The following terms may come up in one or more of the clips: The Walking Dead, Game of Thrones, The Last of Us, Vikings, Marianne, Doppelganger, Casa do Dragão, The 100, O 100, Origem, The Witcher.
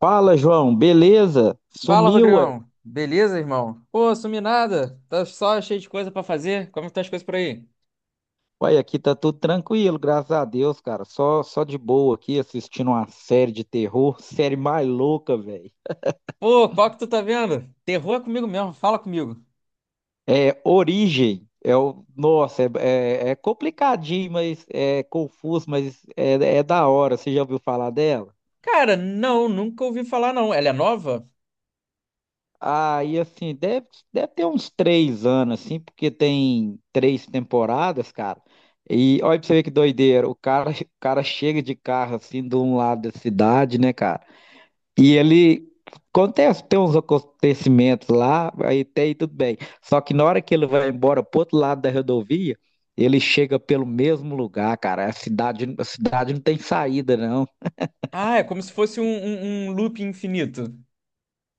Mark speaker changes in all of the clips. Speaker 1: Fala, João, beleza?
Speaker 2: Fala,
Speaker 1: Sumiu, ué?
Speaker 2: Rodrigão. Beleza, irmão? Pô, sumi nada. Tá só cheio de coisa pra fazer. Como estão as coisas por aí?
Speaker 1: Ué, aqui tá tudo tranquilo, graças a Deus, cara. Só de boa aqui assistindo uma série de terror, série mais louca, velho.
Speaker 2: Pô, qual que tu tá vendo? Terror é comigo mesmo. Fala comigo.
Speaker 1: É Origem. Nossa, é complicadinho, mas é confuso, é da hora. Você já ouviu falar dela?
Speaker 2: Cara, não, nunca ouvi falar não. Ela é nova?
Speaker 1: Aí, assim, deve ter uns 3 anos, assim, porque tem três temporadas, cara. E olha pra você ver que doideira. O cara chega de carro, assim, de um lado da cidade, né, cara? E ele. Acontece, tem uns acontecimentos lá, aí tem tudo bem. Só que na hora que ele vai embora pro outro lado da rodovia, ele chega pelo mesmo lugar, cara. A cidade não tem saída, não.
Speaker 2: Ah, é como se fosse um loop infinito.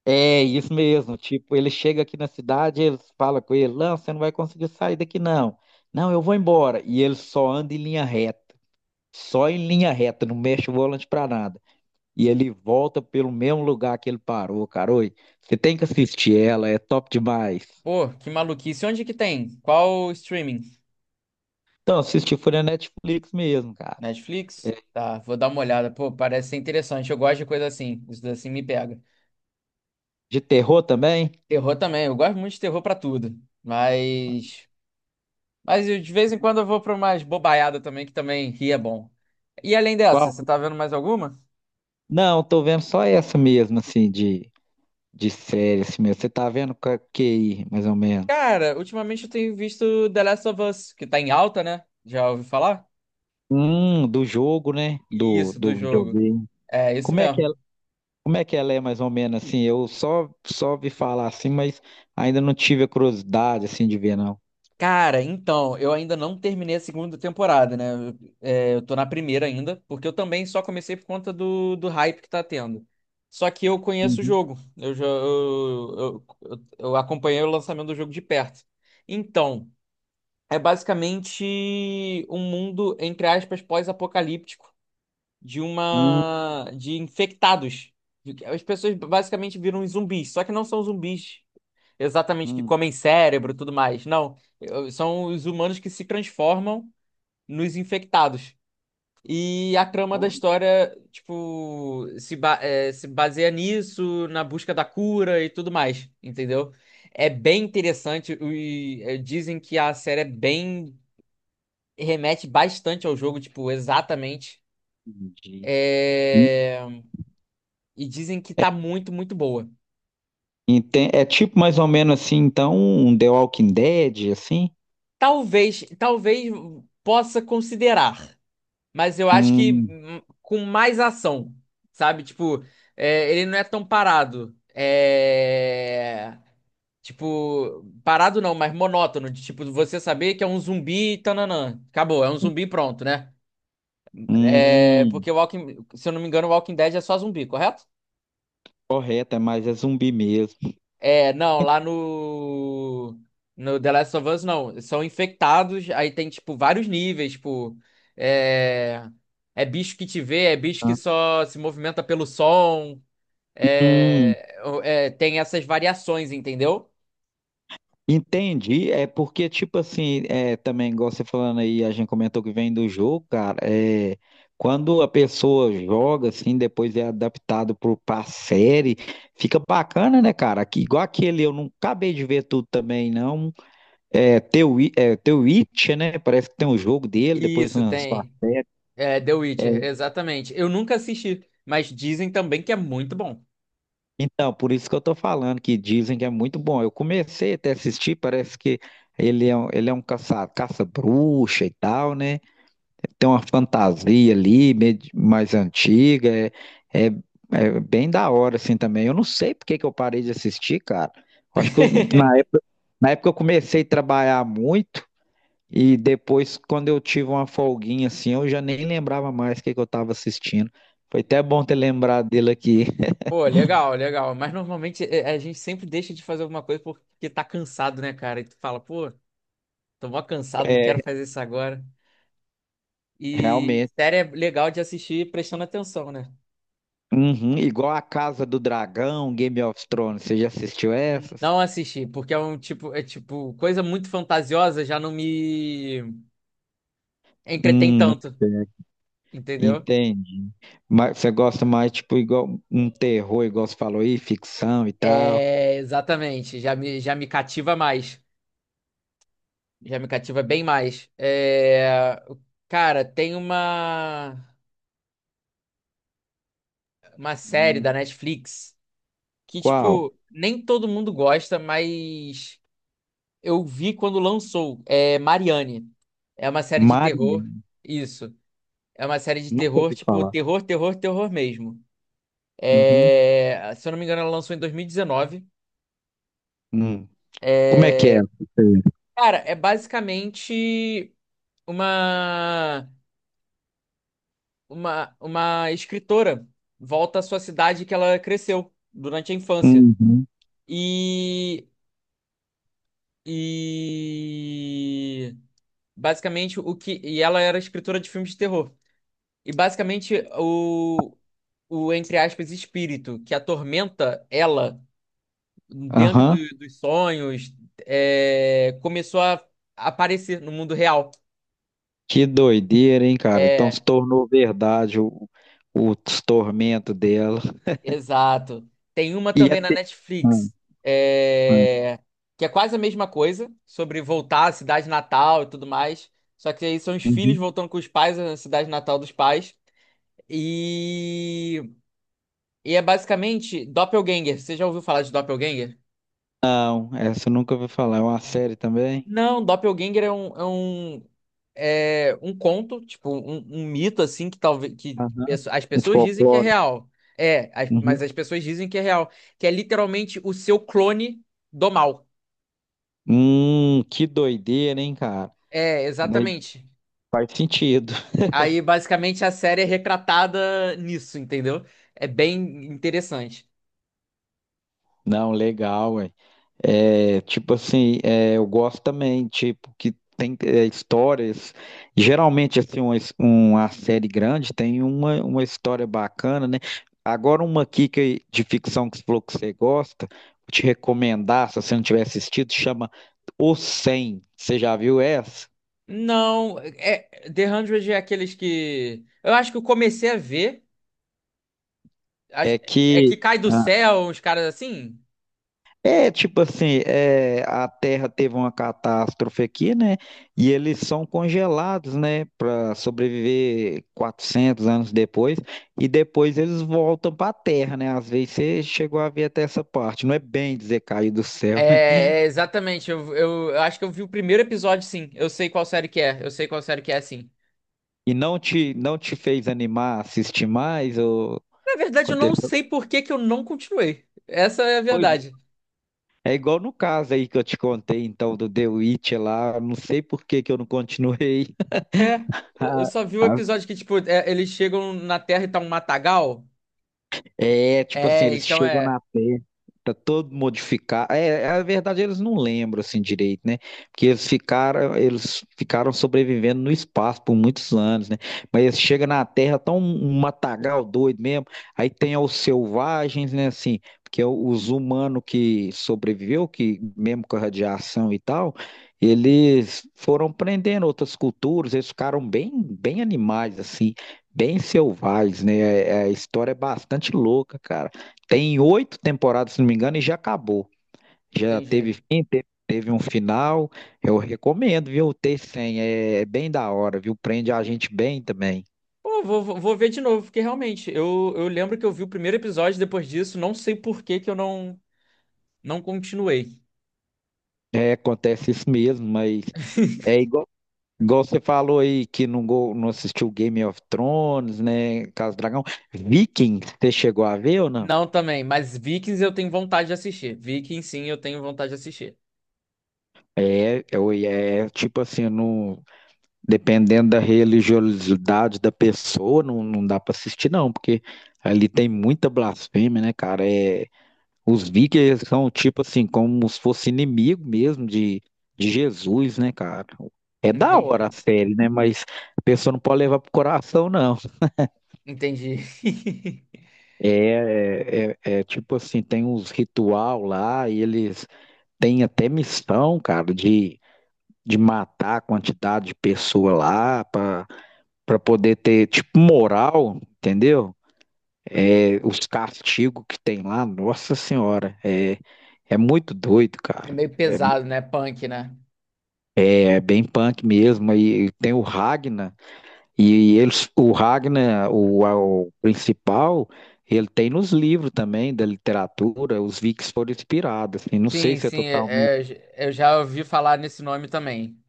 Speaker 1: É isso mesmo, tipo, ele chega aqui na cidade, eles falam com ele, não, você não vai conseguir sair daqui não. Não, eu vou embora. E ele só anda em linha reta, só em linha reta, não mexe o volante pra nada. E ele volta pelo mesmo lugar que ele parou, cara. Oi, você tem que assistir ela, é top demais.
Speaker 2: Pô, que maluquice. Onde que tem? Qual streaming?
Speaker 1: Então, assisti foi na Netflix mesmo, cara.
Speaker 2: Netflix?
Speaker 1: É,
Speaker 2: Tá, vou dar uma olhada. Pô, parece ser interessante. Eu gosto de coisa assim. Isso assim me pega.
Speaker 1: de terror também?
Speaker 2: Terror também. Eu gosto muito de terror pra tudo. Mas de vez em quando eu vou pra umas bobaiada também, que também ri é bom. E além dessa, você
Speaker 1: Qual?
Speaker 2: tá vendo mais alguma?
Speaker 1: Não, tô vendo só essa mesmo, assim, de série, assim mesmo. Você tá vendo com a QI, mais ou menos.
Speaker 2: Cara, ultimamente eu tenho visto The Last of Us, que tá em alta, né? Já ouvi falar?
Speaker 1: Do jogo, né? Do,
Speaker 2: Isso, do
Speaker 1: do
Speaker 2: jogo.
Speaker 1: videogame.
Speaker 2: É, isso
Speaker 1: Como é que
Speaker 2: mesmo.
Speaker 1: ela, como é que ela é mais ou menos assim? Eu só vi falar assim, mas ainda não tive a curiosidade assim de ver não.
Speaker 2: Cara, então, eu ainda não terminei a segunda temporada, né? É, eu tô na primeira ainda, porque eu também só comecei por conta do hype que tá tendo. Só que eu conheço o
Speaker 1: Uhum.
Speaker 2: jogo. Eu já eu acompanhei o lançamento do jogo de perto. Então. É basicamente um mundo, entre aspas, pós-apocalíptico de
Speaker 1: Hum.
Speaker 2: uma de infectados. As pessoas basicamente viram zumbis, só que não são zumbis exatamente que
Speaker 1: Hum.
Speaker 2: comem cérebro e tudo mais. Não, são os humanos que se transformam nos infectados. E a trama da
Speaker 1: Oh,
Speaker 2: história, tipo, se, ba- eh, se baseia nisso, na busca da cura e tudo mais, entendeu? É bem interessante. Dizem que a série é bem remete bastante ao jogo, tipo, exatamente.
Speaker 1: entendi.
Speaker 2: É, E dizem que tá muito, muito boa.
Speaker 1: É tipo mais ou menos assim, então, um The Walking Dead, assim?
Speaker 2: Talvez possa considerar, mas eu acho que
Speaker 1: Hum.
Speaker 2: com mais ação, sabe? Tipo, ele não é tão parado. Tipo, parado não, mas monótono, de tipo, você saber que é um zumbi, tananã. Acabou, é um zumbi pronto, né? É,
Speaker 1: Hum,
Speaker 2: porque o Walking, se eu não me engano, o Walking Dead é só zumbi, correto?
Speaker 1: correto, é mais é zumbi mesmo.
Speaker 2: É, não, lá no The Last of Us, não. São infectados, aí tem, tipo, vários níveis, tipo, é, bicho que te vê, é bicho que só se movimenta pelo som,
Speaker 1: Hum.
Speaker 2: tem essas variações, entendeu?
Speaker 1: Entendi, é porque, tipo assim, é, também, igual você falando aí, a gente comentou que vem do jogo, cara, é, quando a pessoa joga, assim, depois é adaptado pra série, fica bacana, né, cara? Aqui, igual aquele, eu não acabei de ver tudo também, não, The Witcher, né, parece que tem um jogo dele, depois
Speaker 2: Isso,
Speaker 1: lançou a
Speaker 2: tem.
Speaker 1: série,
Speaker 2: É, The
Speaker 1: é,
Speaker 2: Witcher, exatamente. Eu nunca assisti, mas dizem também que é muito bom.
Speaker 1: então, por isso que eu tô falando, que dizem que é muito bom, eu comecei até a assistir, parece que ele é um caça-bruxa e tal, né? Tem uma fantasia ali, meio mais antiga, é, é, é bem da hora, assim, também. Eu não sei por que que eu parei de assistir, cara. Eu acho que eu- na, na época eu comecei a trabalhar muito e depois, quando eu tive uma folguinha, assim, eu já nem lembrava mais o que que eu tava assistindo. Foi até bom ter lembrado dele aqui.
Speaker 2: Pô, legal, legal. Mas normalmente é, a gente sempre deixa de fazer alguma coisa porque tá cansado, né, cara? E tu fala, pô. Tô mó cansado, não
Speaker 1: É,
Speaker 2: quero fazer isso agora. E
Speaker 1: realmente.
Speaker 2: série é legal de assistir prestando atenção, né?
Speaker 1: Uhum, igual a Casa do Dragão, Game of Thrones, você já assistiu essas?
Speaker 2: Não assisti, porque é um tipo, é tipo, coisa muito fantasiosa já não me entretém
Speaker 1: Hum,
Speaker 2: tanto, entendeu?
Speaker 1: entende. Mas você gosta mais, tipo, igual um terror, igual você falou aí, ficção e tal.
Speaker 2: É, exatamente, já me cativa mais, já me cativa bem mais. É, cara, tem uma série da
Speaker 1: Hum,
Speaker 2: Netflix que,
Speaker 1: qual?
Speaker 2: tipo, nem todo mundo gosta, mas eu vi quando lançou, é Marianne. É uma série de
Speaker 1: Maria.
Speaker 2: terror. Isso. É uma série de
Speaker 1: Nunca
Speaker 2: terror,
Speaker 1: ouvi
Speaker 2: tipo,
Speaker 1: falar.
Speaker 2: terror, terror, terror mesmo.
Speaker 1: Uhum.
Speaker 2: É, se eu não me engano, ela lançou em 2019.
Speaker 1: Hum. Como é que é?
Speaker 2: É, cara, é basicamente uma... uma escritora volta à sua cidade que ela cresceu durante a infância.
Speaker 1: Uhum.
Speaker 2: E e basicamente o que e ela era escritora de filmes de terror. E basicamente entre aspas, espírito que atormenta ela dentro
Speaker 1: Aham.
Speaker 2: dos sonhos começou a aparecer no mundo real.
Speaker 1: Que doideira, hein, cara? Então se
Speaker 2: É,
Speaker 1: tornou verdade o, o tormento dela.
Speaker 2: exato. Tem uma
Speaker 1: E
Speaker 2: também na
Speaker 1: até. Hum.
Speaker 2: Netflix,
Speaker 1: Hum.
Speaker 2: é, que é quase a mesma coisa, sobre voltar à cidade natal e tudo mais. Só que aí são os filhos
Speaker 1: Uhum.
Speaker 2: voltando com os pais à cidade natal dos pais. E, e é basicamente Doppelganger. Você já ouviu falar de Doppelganger?
Speaker 1: Não, essa eu nunca ouvi falar. É uma série também?
Speaker 2: Não, Doppelganger é um conto, tipo, um mito, assim, que talvez
Speaker 1: Aham.
Speaker 2: as
Speaker 1: Um
Speaker 2: pessoas dizem que é
Speaker 1: folclore.
Speaker 2: real. Mas
Speaker 1: Uhum.
Speaker 2: as pessoas dizem que é real. Que é literalmente o seu clone do mal.
Speaker 1: Que doideira, hein, cara?
Speaker 2: É,
Speaker 1: Mas
Speaker 2: exatamente.
Speaker 1: faz sentido.
Speaker 2: Aí, basicamente, a série é retratada nisso, entendeu? É bem interessante.
Speaker 1: Não, legal, ué. É, tipo assim, é, eu gosto também, tipo, que tem é, histórias. Geralmente, assim, uma série grande tem uma história bacana, né? Agora, uma aqui que, de ficção que você falou que você gosta, vou te recomendar, se você não tiver assistido, chama O 100. Você já viu essa?
Speaker 2: Não, é, The 100 é aqueles que. Eu acho que eu comecei a ver. acho-
Speaker 1: É
Speaker 2: É
Speaker 1: que.
Speaker 2: que cai do céu, uns caras assim.
Speaker 1: É, tipo assim, é, a Terra teve uma catástrofe aqui, né? E eles são congelados, né? Para sobreviver 400 anos depois. E depois eles voltam para a Terra, né? Às vezes você chegou a ver até essa parte. Não é bem dizer cair do céu, né?
Speaker 2: Exatamente. Eu acho que eu vi o primeiro episódio, sim. Eu sei qual série que é. Eu sei qual série que é, sim.
Speaker 1: E não te fez animar, a assistir mais? Ou
Speaker 2: Na verdade, eu não
Speaker 1: aconteceu?
Speaker 2: sei por que que eu não continuei. Essa é a
Speaker 1: Pois
Speaker 2: verdade.
Speaker 1: é igual no caso aí que eu te contei, então, do The Witch lá. Não sei por que que eu não continuei.
Speaker 2: É. Eu só vi o episódio que, tipo, eles chegam na Terra e tá um matagal.
Speaker 1: É, tipo assim,
Speaker 2: É,
Speaker 1: eles
Speaker 2: então
Speaker 1: chegam
Speaker 2: é.
Speaker 1: na Terra, tá todo modificado. É, é, a verdade eles não lembram assim direito, né? Porque eles ficaram sobrevivendo no espaço por muitos anos, né? Mas eles chegam na Terra, tão um matagal doido mesmo. Aí tem os selvagens, né, assim, porque os humanos que sobreviveu, que mesmo com a radiação e tal, eles foram prendendo outras culturas, eles ficaram bem, bem animais assim. Bem selvagens, né? A história é bastante louca, cara. Tem oito temporadas, se não me engano, e já acabou. Já
Speaker 2: Entendi.
Speaker 1: teve fim, teve, teve um final. Eu recomendo, viu? O T100 é bem da hora, viu? Prende a gente bem também.
Speaker 2: Pô, vou ver de novo, porque realmente, eu lembro que eu vi o primeiro episódio depois disso, não sei por que que eu não, não continuei.
Speaker 1: É, acontece isso mesmo, mas é igual, igual você falou aí que não, não assistiu Game of Thrones, né? Casa do Dragão. Vikings, você chegou a ver ou não?
Speaker 2: Não também, mas Vikings eu tenho vontade de assistir. Vikings, sim, eu tenho vontade de assistir.
Speaker 1: É, é, é tipo assim, não. Dependendo da religiosidade da pessoa, não, não dá para assistir, não, porque ali tem muita blasfêmia, né, cara? É, os vikings são, tipo assim, como se fosse inimigo mesmo de, Jesus, né, cara? É da
Speaker 2: Entendi.
Speaker 1: hora a série, né? Mas a pessoa não pode levar pro coração, não.
Speaker 2: Entendi.
Speaker 1: É, é tipo assim, tem uns ritual lá e eles têm até missão, cara, de, matar a quantidade de pessoa lá pra para poder ter, tipo, moral, entendeu? É, os castigos que tem lá, nossa senhora, é, é muito doido,
Speaker 2: É
Speaker 1: cara.
Speaker 2: meio
Speaker 1: É,
Speaker 2: pesado, né? Punk, né?
Speaker 1: é bem punk mesmo. E tem o Ragnar, e eles, o Ragnar, o principal, ele tem nos livros também da literatura, os Vikings foram inspirados. Assim, não sei
Speaker 2: Sim,
Speaker 1: se é
Speaker 2: sim,
Speaker 1: totalmente.
Speaker 2: eu já ouvi falar nesse nome também.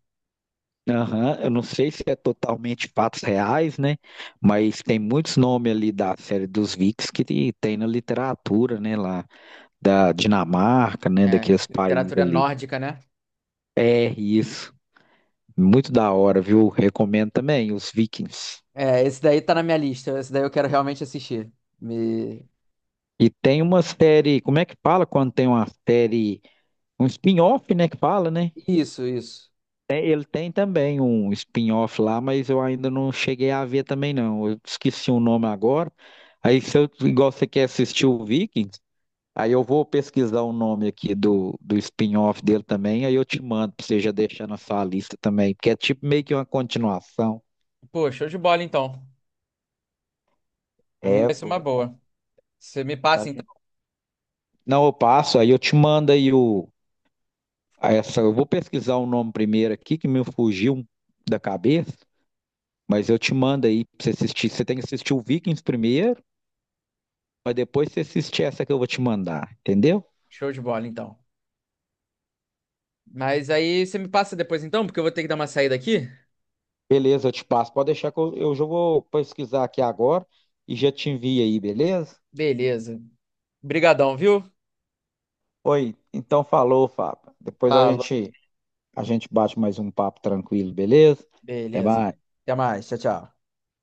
Speaker 1: Aham, eu não sei se é totalmente fatos reais, né? Mas tem muitos nomes ali da série dos Vikings que tem na literatura, né, lá. Da Dinamarca, né,
Speaker 2: É,
Speaker 1: daqueles países
Speaker 2: literatura
Speaker 1: ali.
Speaker 2: nórdica, né?
Speaker 1: É isso, muito da hora, viu? Recomendo também os Vikings.
Speaker 2: É, esse daí tá na minha lista. Esse daí eu quero realmente assistir. Me...
Speaker 1: E tem uma série, como é que fala quando tem uma série, um spin-off, né, que fala, né?
Speaker 2: Isso, isso.
Speaker 1: É, ele tem também um spin-off lá, mas eu ainda não cheguei a ver também não. Eu esqueci o nome agora. Aí se eu, igual você quer assistir o Vikings, aí eu vou pesquisar o nome aqui do, do spin-off dele também, aí eu te mando pra você já deixar na sua lista também, porque é tipo meio que uma continuação.
Speaker 2: Pô, show de bola então. Pra mim
Speaker 1: É,
Speaker 2: vai ser uma
Speaker 1: pô,
Speaker 2: boa. Você me
Speaker 1: a
Speaker 2: passa então.
Speaker 1: gente- não, eu passo, aí eu te mando aí o. a Essa, eu vou pesquisar o nome primeiro aqui, que me fugiu da cabeça, mas eu te mando aí pra você assistir. Você tem que assistir o Vikings primeiro, mas depois você assistir essa que eu vou te mandar, entendeu?
Speaker 2: Show de bola então. Mas aí você me passa depois então, porque eu vou ter que dar uma saída aqui.
Speaker 1: Beleza, eu te passo. Pode deixar que eu já vou pesquisar aqui agora e já te envio aí, beleza?
Speaker 2: Beleza. Brigadão, viu?
Speaker 1: Oi, então falou, Fábio. Depois
Speaker 2: Falou.
Speaker 1: a gente bate mais um papo tranquilo, beleza? Até
Speaker 2: Beleza.
Speaker 1: mais.
Speaker 2: Até mais. Tchau, tchau.